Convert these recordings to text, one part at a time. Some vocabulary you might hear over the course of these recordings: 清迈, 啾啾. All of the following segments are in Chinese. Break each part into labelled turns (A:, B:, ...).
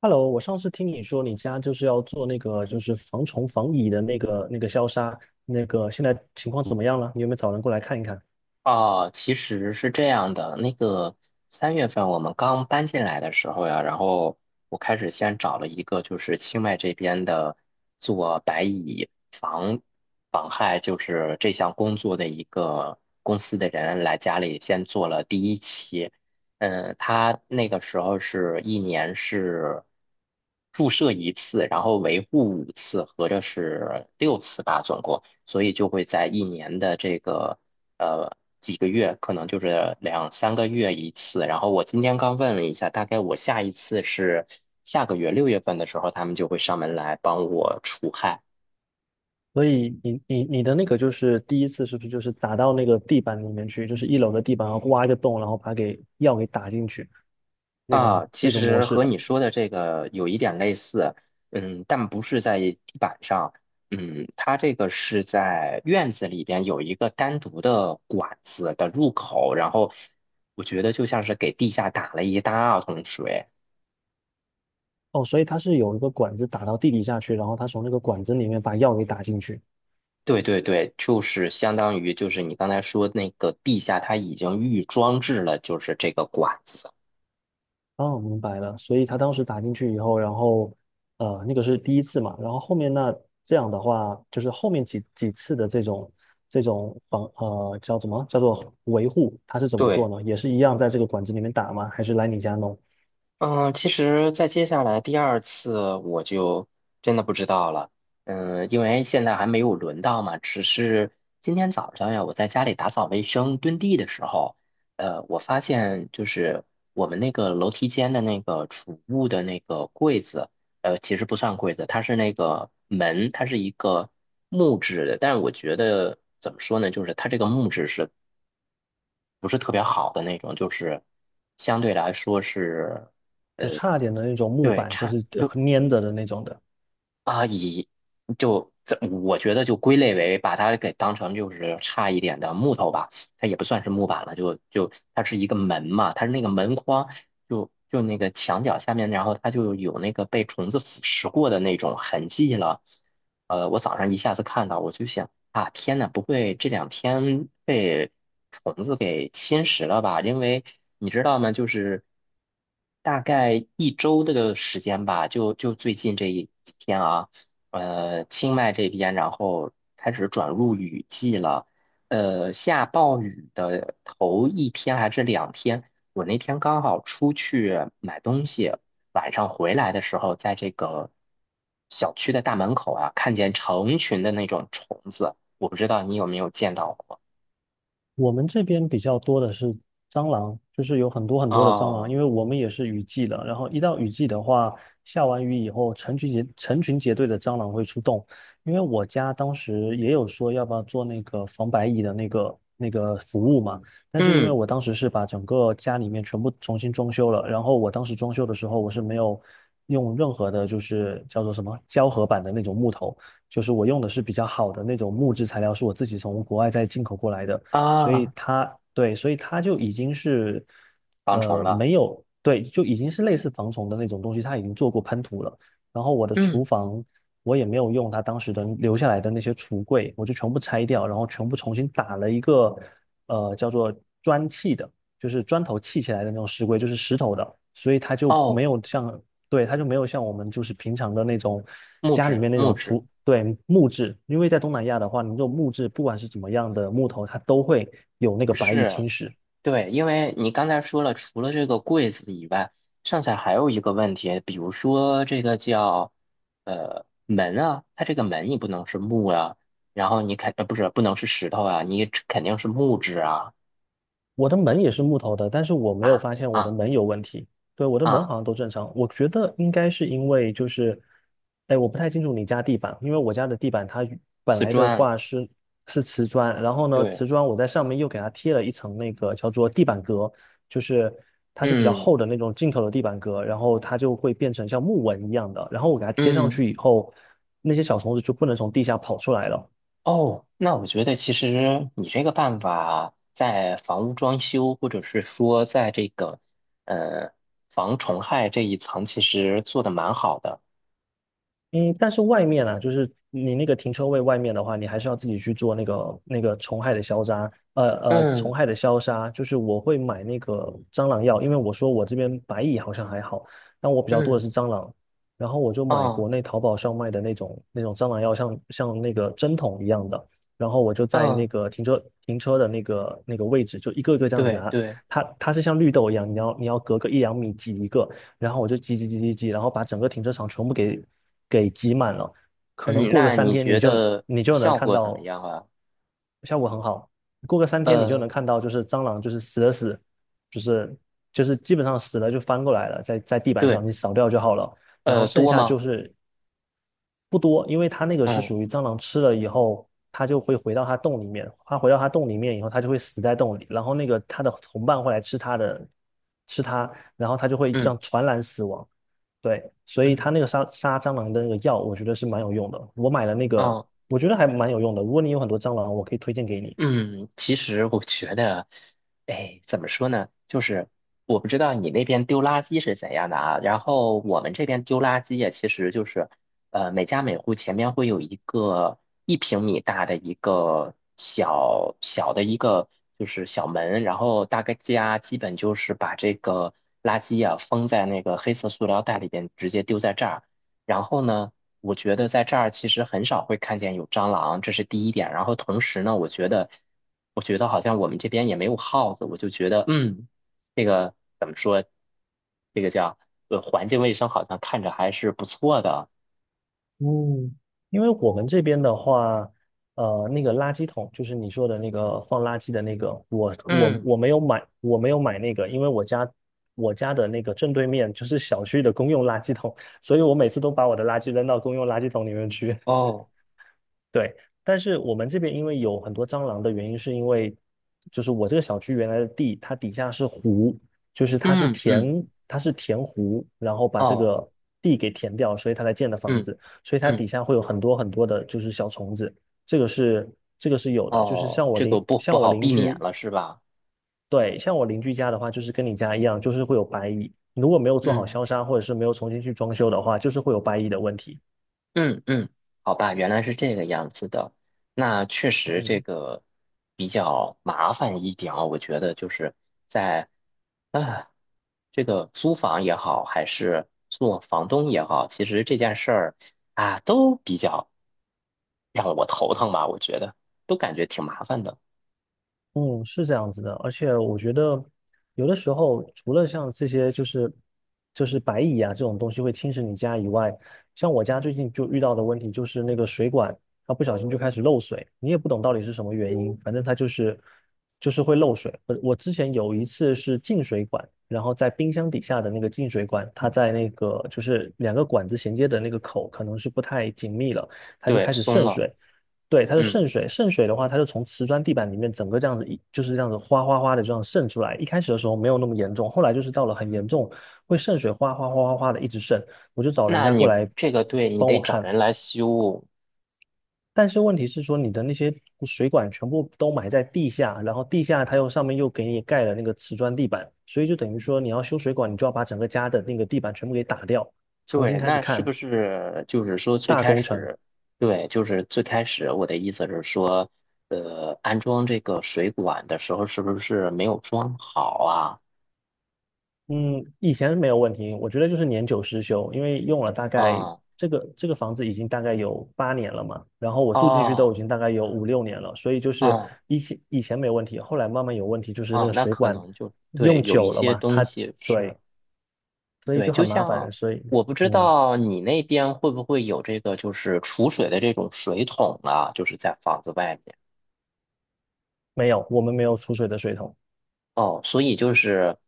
A: Hello，我上次听你说你家就是要做那个就是防虫防蚁的那个消杀，那个现在情况怎么样了？你有没有找人过来看一看？
B: 哦，其实是这样的，那个3月份我们刚搬进来的时候呀，然后我开始先找了一个就是清迈这边的做白蚁防害，就是这项工作的一个公司的人来家里先做了第1期。嗯，他那个时候是一年是注射1次，然后维护5次，合着是6次吧，总共，所以就会在一年的这个。呃几个月，可能就是2、3个月1次。然后我今天刚问了一下，大概我下一次是下个月6月份的时候，他们就会上门来帮我除害
A: 所以你的那个就是第一次是不是就是打到那个地板里面去，就是一楼的地板，然后挖一个洞，然后把给药给打进去，那种
B: 啊。其
A: 那种模
B: 实
A: 式
B: 和
A: 的。
B: 你说的这个有一点类似，嗯，但不是在地板上，嗯，它这个是在院子里边有一个单独的管子的入口，然后我觉得就像是给地下打了一大桶水。
A: 哦，所以它是有一个管子打到地底下去，然后它从那个管子里面把药给打进去。
B: 对对对，就是相当于就是你刚才说那个地下，它已经预装置了就是这个管子。
A: 哦，明白了。所以他当时打进去以后，然后那个是第一次嘛，然后后面那这样的话，就是后面几次的这种叫什么叫做维护，他是怎么做
B: 对，
A: 呢？也是一样在这个管子里面打吗？还是来你家弄？
B: 嗯，其实，在接下来第2次我就真的不知道了。嗯，因为现在还没有轮到嘛，只是今天早上呀，我在家里打扫卫生、墩地的时候，我发现就是我们那个楼梯间的那个储物的那个柜子，其实不算柜子，它是那个门，它是一个木质的，但是我觉得怎么说呢，就是它这个木质是不是特别好的那种，就是相对来说是
A: 就差点的那种木
B: 对
A: 板，就
B: 差。
A: 是粘着的那种的。
B: 啊，以不这我觉得就归类为把它给当成就是差一点的木头吧，它也不算是木板了，就它是一个门嘛，它是那个门框，就那个墙角下面，然后它就有那个被虫子腐蚀过的那种痕迹了。我早上一下子看到，我就想啊，天呐，不会这两天被虫子给侵蚀了吧？因为你知道吗，就是大概1周的时间吧，就最近这一几天啊。清迈这边，然后开始转入雨季了。下暴雨的头一天还是两天，我那天刚好出去买东西，晚上回来的时候，在这个小区的大门口啊，看见成群的那种虫子，我不知道你有没有见到过。
A: 我们这边比较多的是蟑螂，就是有很多很多的蟑螂，因
B: 哦，
A: 为我们也是雨季的。然后一到雨季的话，下完雨以后，成群结队的蟑螂会出动。因为我家当时也有说要不要做那个防白蚁的那个服务嘛，但是因为
B: 嗯
A: 我当时是把整个家里面全部重新装修了，然后我当时装修的时候我是没有用任何的，就是叫做什么胶合板的那种木头。就是我用的是比较好的那种木质材料，是我自己从国外再进口过来的。所以
B: 啊，
A: 它对，所以它就已经是
B: 防虫了。
A: 没有对，就已经是类似防虫的那种东西，它已经做过喷涂了。然后我的厨
B: 嗯，
A: 房我也没有用它当时的留下来的那些橱柜，我就全部拆掉，然后全部重新打了一个叫做砖砌的，就是砖头砌起来的那种石柜，就是石头的，所以它就没
B: 哦，
A: 有像对，它就没有像我们就是平常的那种
B: 木
A: 家里
B: 质
A: 面那
B: 木
A: 种
B: 质，
A: 厨，对，木质，因为在东南亚的话，你这种木质不管是怎么样的木头，它都会有那个
B: 不
A: 白蚁
B: 是。
A: 侵蚀，
B: 对，因为你刚才说了，除了这个柜子以外，剩下还有一个问题，比如说这个叫门啊，它这个门你不能是木啊，然后你肯不是不能是石头啊，你肯定是木质啊
A: 我的门也是木头的，但是我没有
B: 啊
A: 发现我的
B: 啊
A: 门有问题。对，我的门
B: 啊
A: 好像都正常。我觉得应该是因为就是，哎，我不太清楚你家地板，因为我家的地板它与本
B: 瓷
A: 来的
B: 砖，
A: 话是瓷砖，然后呢，
B: 对，
A: 瓷砖我在上面又给它贴了一层那个叫做地板革，就是它是比较
B: 嗯
A: 厚的那种进口的地板革，然后它就会变成像木纹一样的，然后我给它贴上
B: 嗯
A: 去以后，那些小虫子就不能从地下跑出来了。
B: 哦，那我觉得其实你这个办法在房屋装修或者是说在这个呃防虫害这一层，其实做的蛮好的，
A: 嗯，但是外面啊，就是你那个停车位外面的话，你还是要自己去做那个虫害的消杀，虫
B: 嗯。
A: 害的消杀，就是我会买那个蟑螂药，因为我说我这边白蚁好像还好，但我比较多的
B: 嗯，
A: 是蟑螂，然后我就买国
B: 哦，
A: 内淘宝上卖的那种蟑螂药像那个针筒一样的，然后我就在
B: 嗯，
A: 那个停车的那个位置，就一个一个这样子给
B: 对
A: 它，
B: 对，
A: 它是像绿豆一样，你要隔个1、2米挤一个，然后我就挤挤挤挤挤，然后把整个停车场全部给挤满了。可能
B: 嗯，
A: 过个
B: 那
A: 三
B: 你
A: 天，你
B: 觉
A: 就
B: 得
A: 你就能
B: 效
A: 看
B: 果怎么
A: 到
B: 样啊？
A: 效果很好。过个三天，你就能
B: 呃，
A: 看到，就是蟑螂就是死了，就是就是基本上死了就翻过来了，在地板上
B: 对，
A: 你扫掉就好了。然后剩
B: 多
A: 下就
B: 吗？
A: 是不多，因为它那个是
B: 嗯
A: 属于蟑螂吃了以后，它就会回到它洞里面。它回到它洞里面以后，它就会死在洞里。然后那个它的同伴会来吃它的，吃它，然后它就会这
B: 嗯
A: 样传染死亡。对，所以它
B: 嗯，
A: 那个杀蟑螂的那个药，我觉得是蛮有用的。我买了那个，
B: 哦
A: 我觉得还蛮有用的。如果你有很多蟑螂，我可以推荐给你。
B: 嗯，其实我觉得，哎，怎么说呢？就是我不知道你那边丢垃圾是怎样的啊。然后我们这边丢垃圾呀，其实就是，呃，每家每户前面会有一个1平米大的一个小小的一个就是小门，然后大概家基本就是把这个垃圾呀封在那个黑色塑料袋里边，直接丢在这儿。然后呢？我觉得在这儿其实很少会看见有蟑螂，这是第1点。然后同时呢，我觉得，我觉得好像我们这边也没有耗子，我就觉得，嗯，这个叫环境卫生好像看着还是不错的。
A: 嗯，因为我们这边的话，那个垃圾桶就是你说的那个放垃圾的那个，我我
B: 嗯，
A: 我没有买，我没有买那个，因为我家的那个正对面就是小区的公用垃圾桶，所以我每次都把我的垃圾扔到公用垃圾桶里面去。
B: 哦，
A: 对，但是我们这边因为有很多蟑螂的原因，是因为就是我这个小区原来的地，它底下是湖，就是
B: 嗯嗯，
A: 它是填湖，然后把这
B: 哦，
A: 个地给填掉，所以它才建的房
B: 嗯
A: 子，所以它
B: 嗯，
A: 底下会有很多很多的就是小虫子，这个是这个是有的，就是
B: 哦，这个不
A: 像
B: 不
A: 我
B: 好
A: 邻
B: 避免
A: 居，
B: 了是吧？
A: 对，像我邻居家的话，就是跟你家一样，就是会有白蚁，如果没有做好
B: 嗯
A: 消杀或者是没有重新去装修的话，就是会有白蚁的问题。
B: 嗯嗯，好吧，原来是这个样子的。那确实这
A: 嗯
B: 个比较麻烦一点啊，我觉得就是在。啊，这个租房也好，还是做房东也好，其实这件事儿啊，都比较让我头疼吧，我觉得都感觉挺麻烦的。
A: 嗯，是这样子的，而且我觉得有的时候，除了像这些就是白蚁啊这种东西会侵蚀你家以外，像我家最近就遇到的问题就是那个水管它不小心就开始漏水，你也不懂到底是什么原因，反正它就是会漏水。我之前有一次是进水管，然后在冰箱底下的那个进水管，它在那个就是两个管子衔接的那个口可能是不太紧密了，它就
B: 对，
A: 开始
B: 松
A: 渗
B: 了，
A: 水。对，它是
B: 嗯，
A: 渗水，渗水的话，它就从瓷砖地板里面整个这样子就是这样子哗哗哗的这样渗出来。一开始的时候没有那么严重，后来就是到了很严重，会渗水哗哗哗哗哗的一直渗。我就找人
B: 那
A: 家过
B: 你
A: 来
B: 这个对你
A: 帮
B: 得
A: 我
B: 找
A: 看，
B: 人来修，
A: 但是问题是说你的那些水管全部都埋在地下，然后地下它又上面又给你盖了那个瓷砖地板，所以就等于说你要修水管，你就要把整个家的那个地板全部给打掉，重新
B: 对，
A: 开始
B: 那是不
A: 看
B: 是就是说最
A: 大
B: 开
A: 工程。
B: 始，对，就是最开始我的意思是说，安装这个水管的时候是不是没有装好啊？
A: 嗯，以前没有问题，我觉得就是年久失修，因为用了大概
B: 嗯，
A: 这个房子已经大概有8年了嘛，然后我住进去
B: 哦，
A: 都已经大概有5、6年了，所以就是
B: 嗯。
A: 以前没有问题，后来慢慢有问题，就是那
B: 啊，
A: 个
B: 那
A: 水
B: 可
A: 管
B: 能就对，
A: 用
B: 有一
A: 久了
B: 些
A: 嘛，
B: 东
A: 它
B: 西
A: 对，
B: 是，
A: 所以
B: 对，
A: 就
B: 就
A: 很麻烦，
B: 像
A: 所以
B: 我不知
A: 嗯，
B: 道你那边会不会有这个，就是储水的这种水桶啊，就是在房子外面
A: 没有，我们没有储水的水桶。
B: 哦，所以就是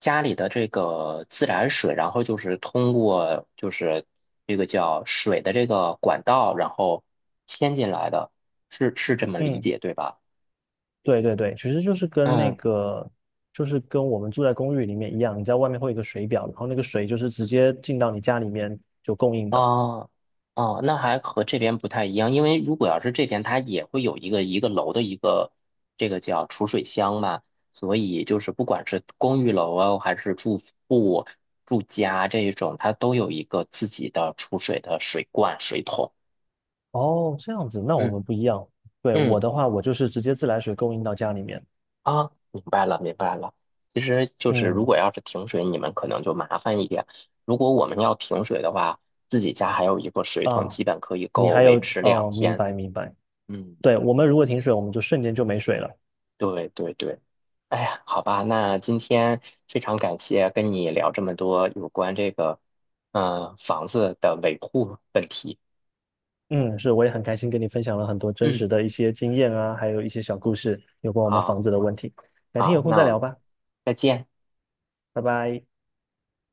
B: 家里的这个自来水，然后就是通过就是这个叫水的这个管道，然后牵进来的，是是这么理
A: 嗯，
B: 解对吧？
A: 对对对，其实就是跟那
B: 嗯。
A: 个，就是跟我们住在公寓里面一样，你在外面会有一个水表，然后那个水就是直接进到你家里面就供应的。
B: 哦哦，那还和这边不太一样，因为如果要是这边，它也会有一个一个楼的一个这个叫储水箱嘛，所以就是不管是公寓楼啊，还是住户住家这一种，它都有一个自己的储水的水罐、水桶。
A: 哦，这样子，那我
B: 嗯
A: 们不一样。对，我
B: 嗯
A: 的话，我就是直接自来水供应到家里面。
B: 啊，明白了明白了。其实就是如
A: 嗯，
B: 果要是停水，你们可能就麻烦一点。如果我们要停水的话，自己家还有一个水桶，
A: 啊，
B: 基本可以
A: 你
B: 够
A: 还有，
B: 维持两
A: 哦，明
B: 天。
A: 白明白。
B: 嗯。
A: 对，我们如果停水，我们就瞬间就没水了。
B: 对对对，哎呀，好吧，那今天非常感谢跟你聊这么多有关这个，嗯、房子的维护问题。
A: 嗯，是，我也很开心跟你分享了很多真
B: 嗯，
A: 实的一些经验啊，还有一些小故事，有关我们房
B: 好，
A: 子的问题。改天
B: 好，
A: 有空
B: 那
A: 再
B: 我们
A: 聊吧，
B: 再见。
A: 拜拜。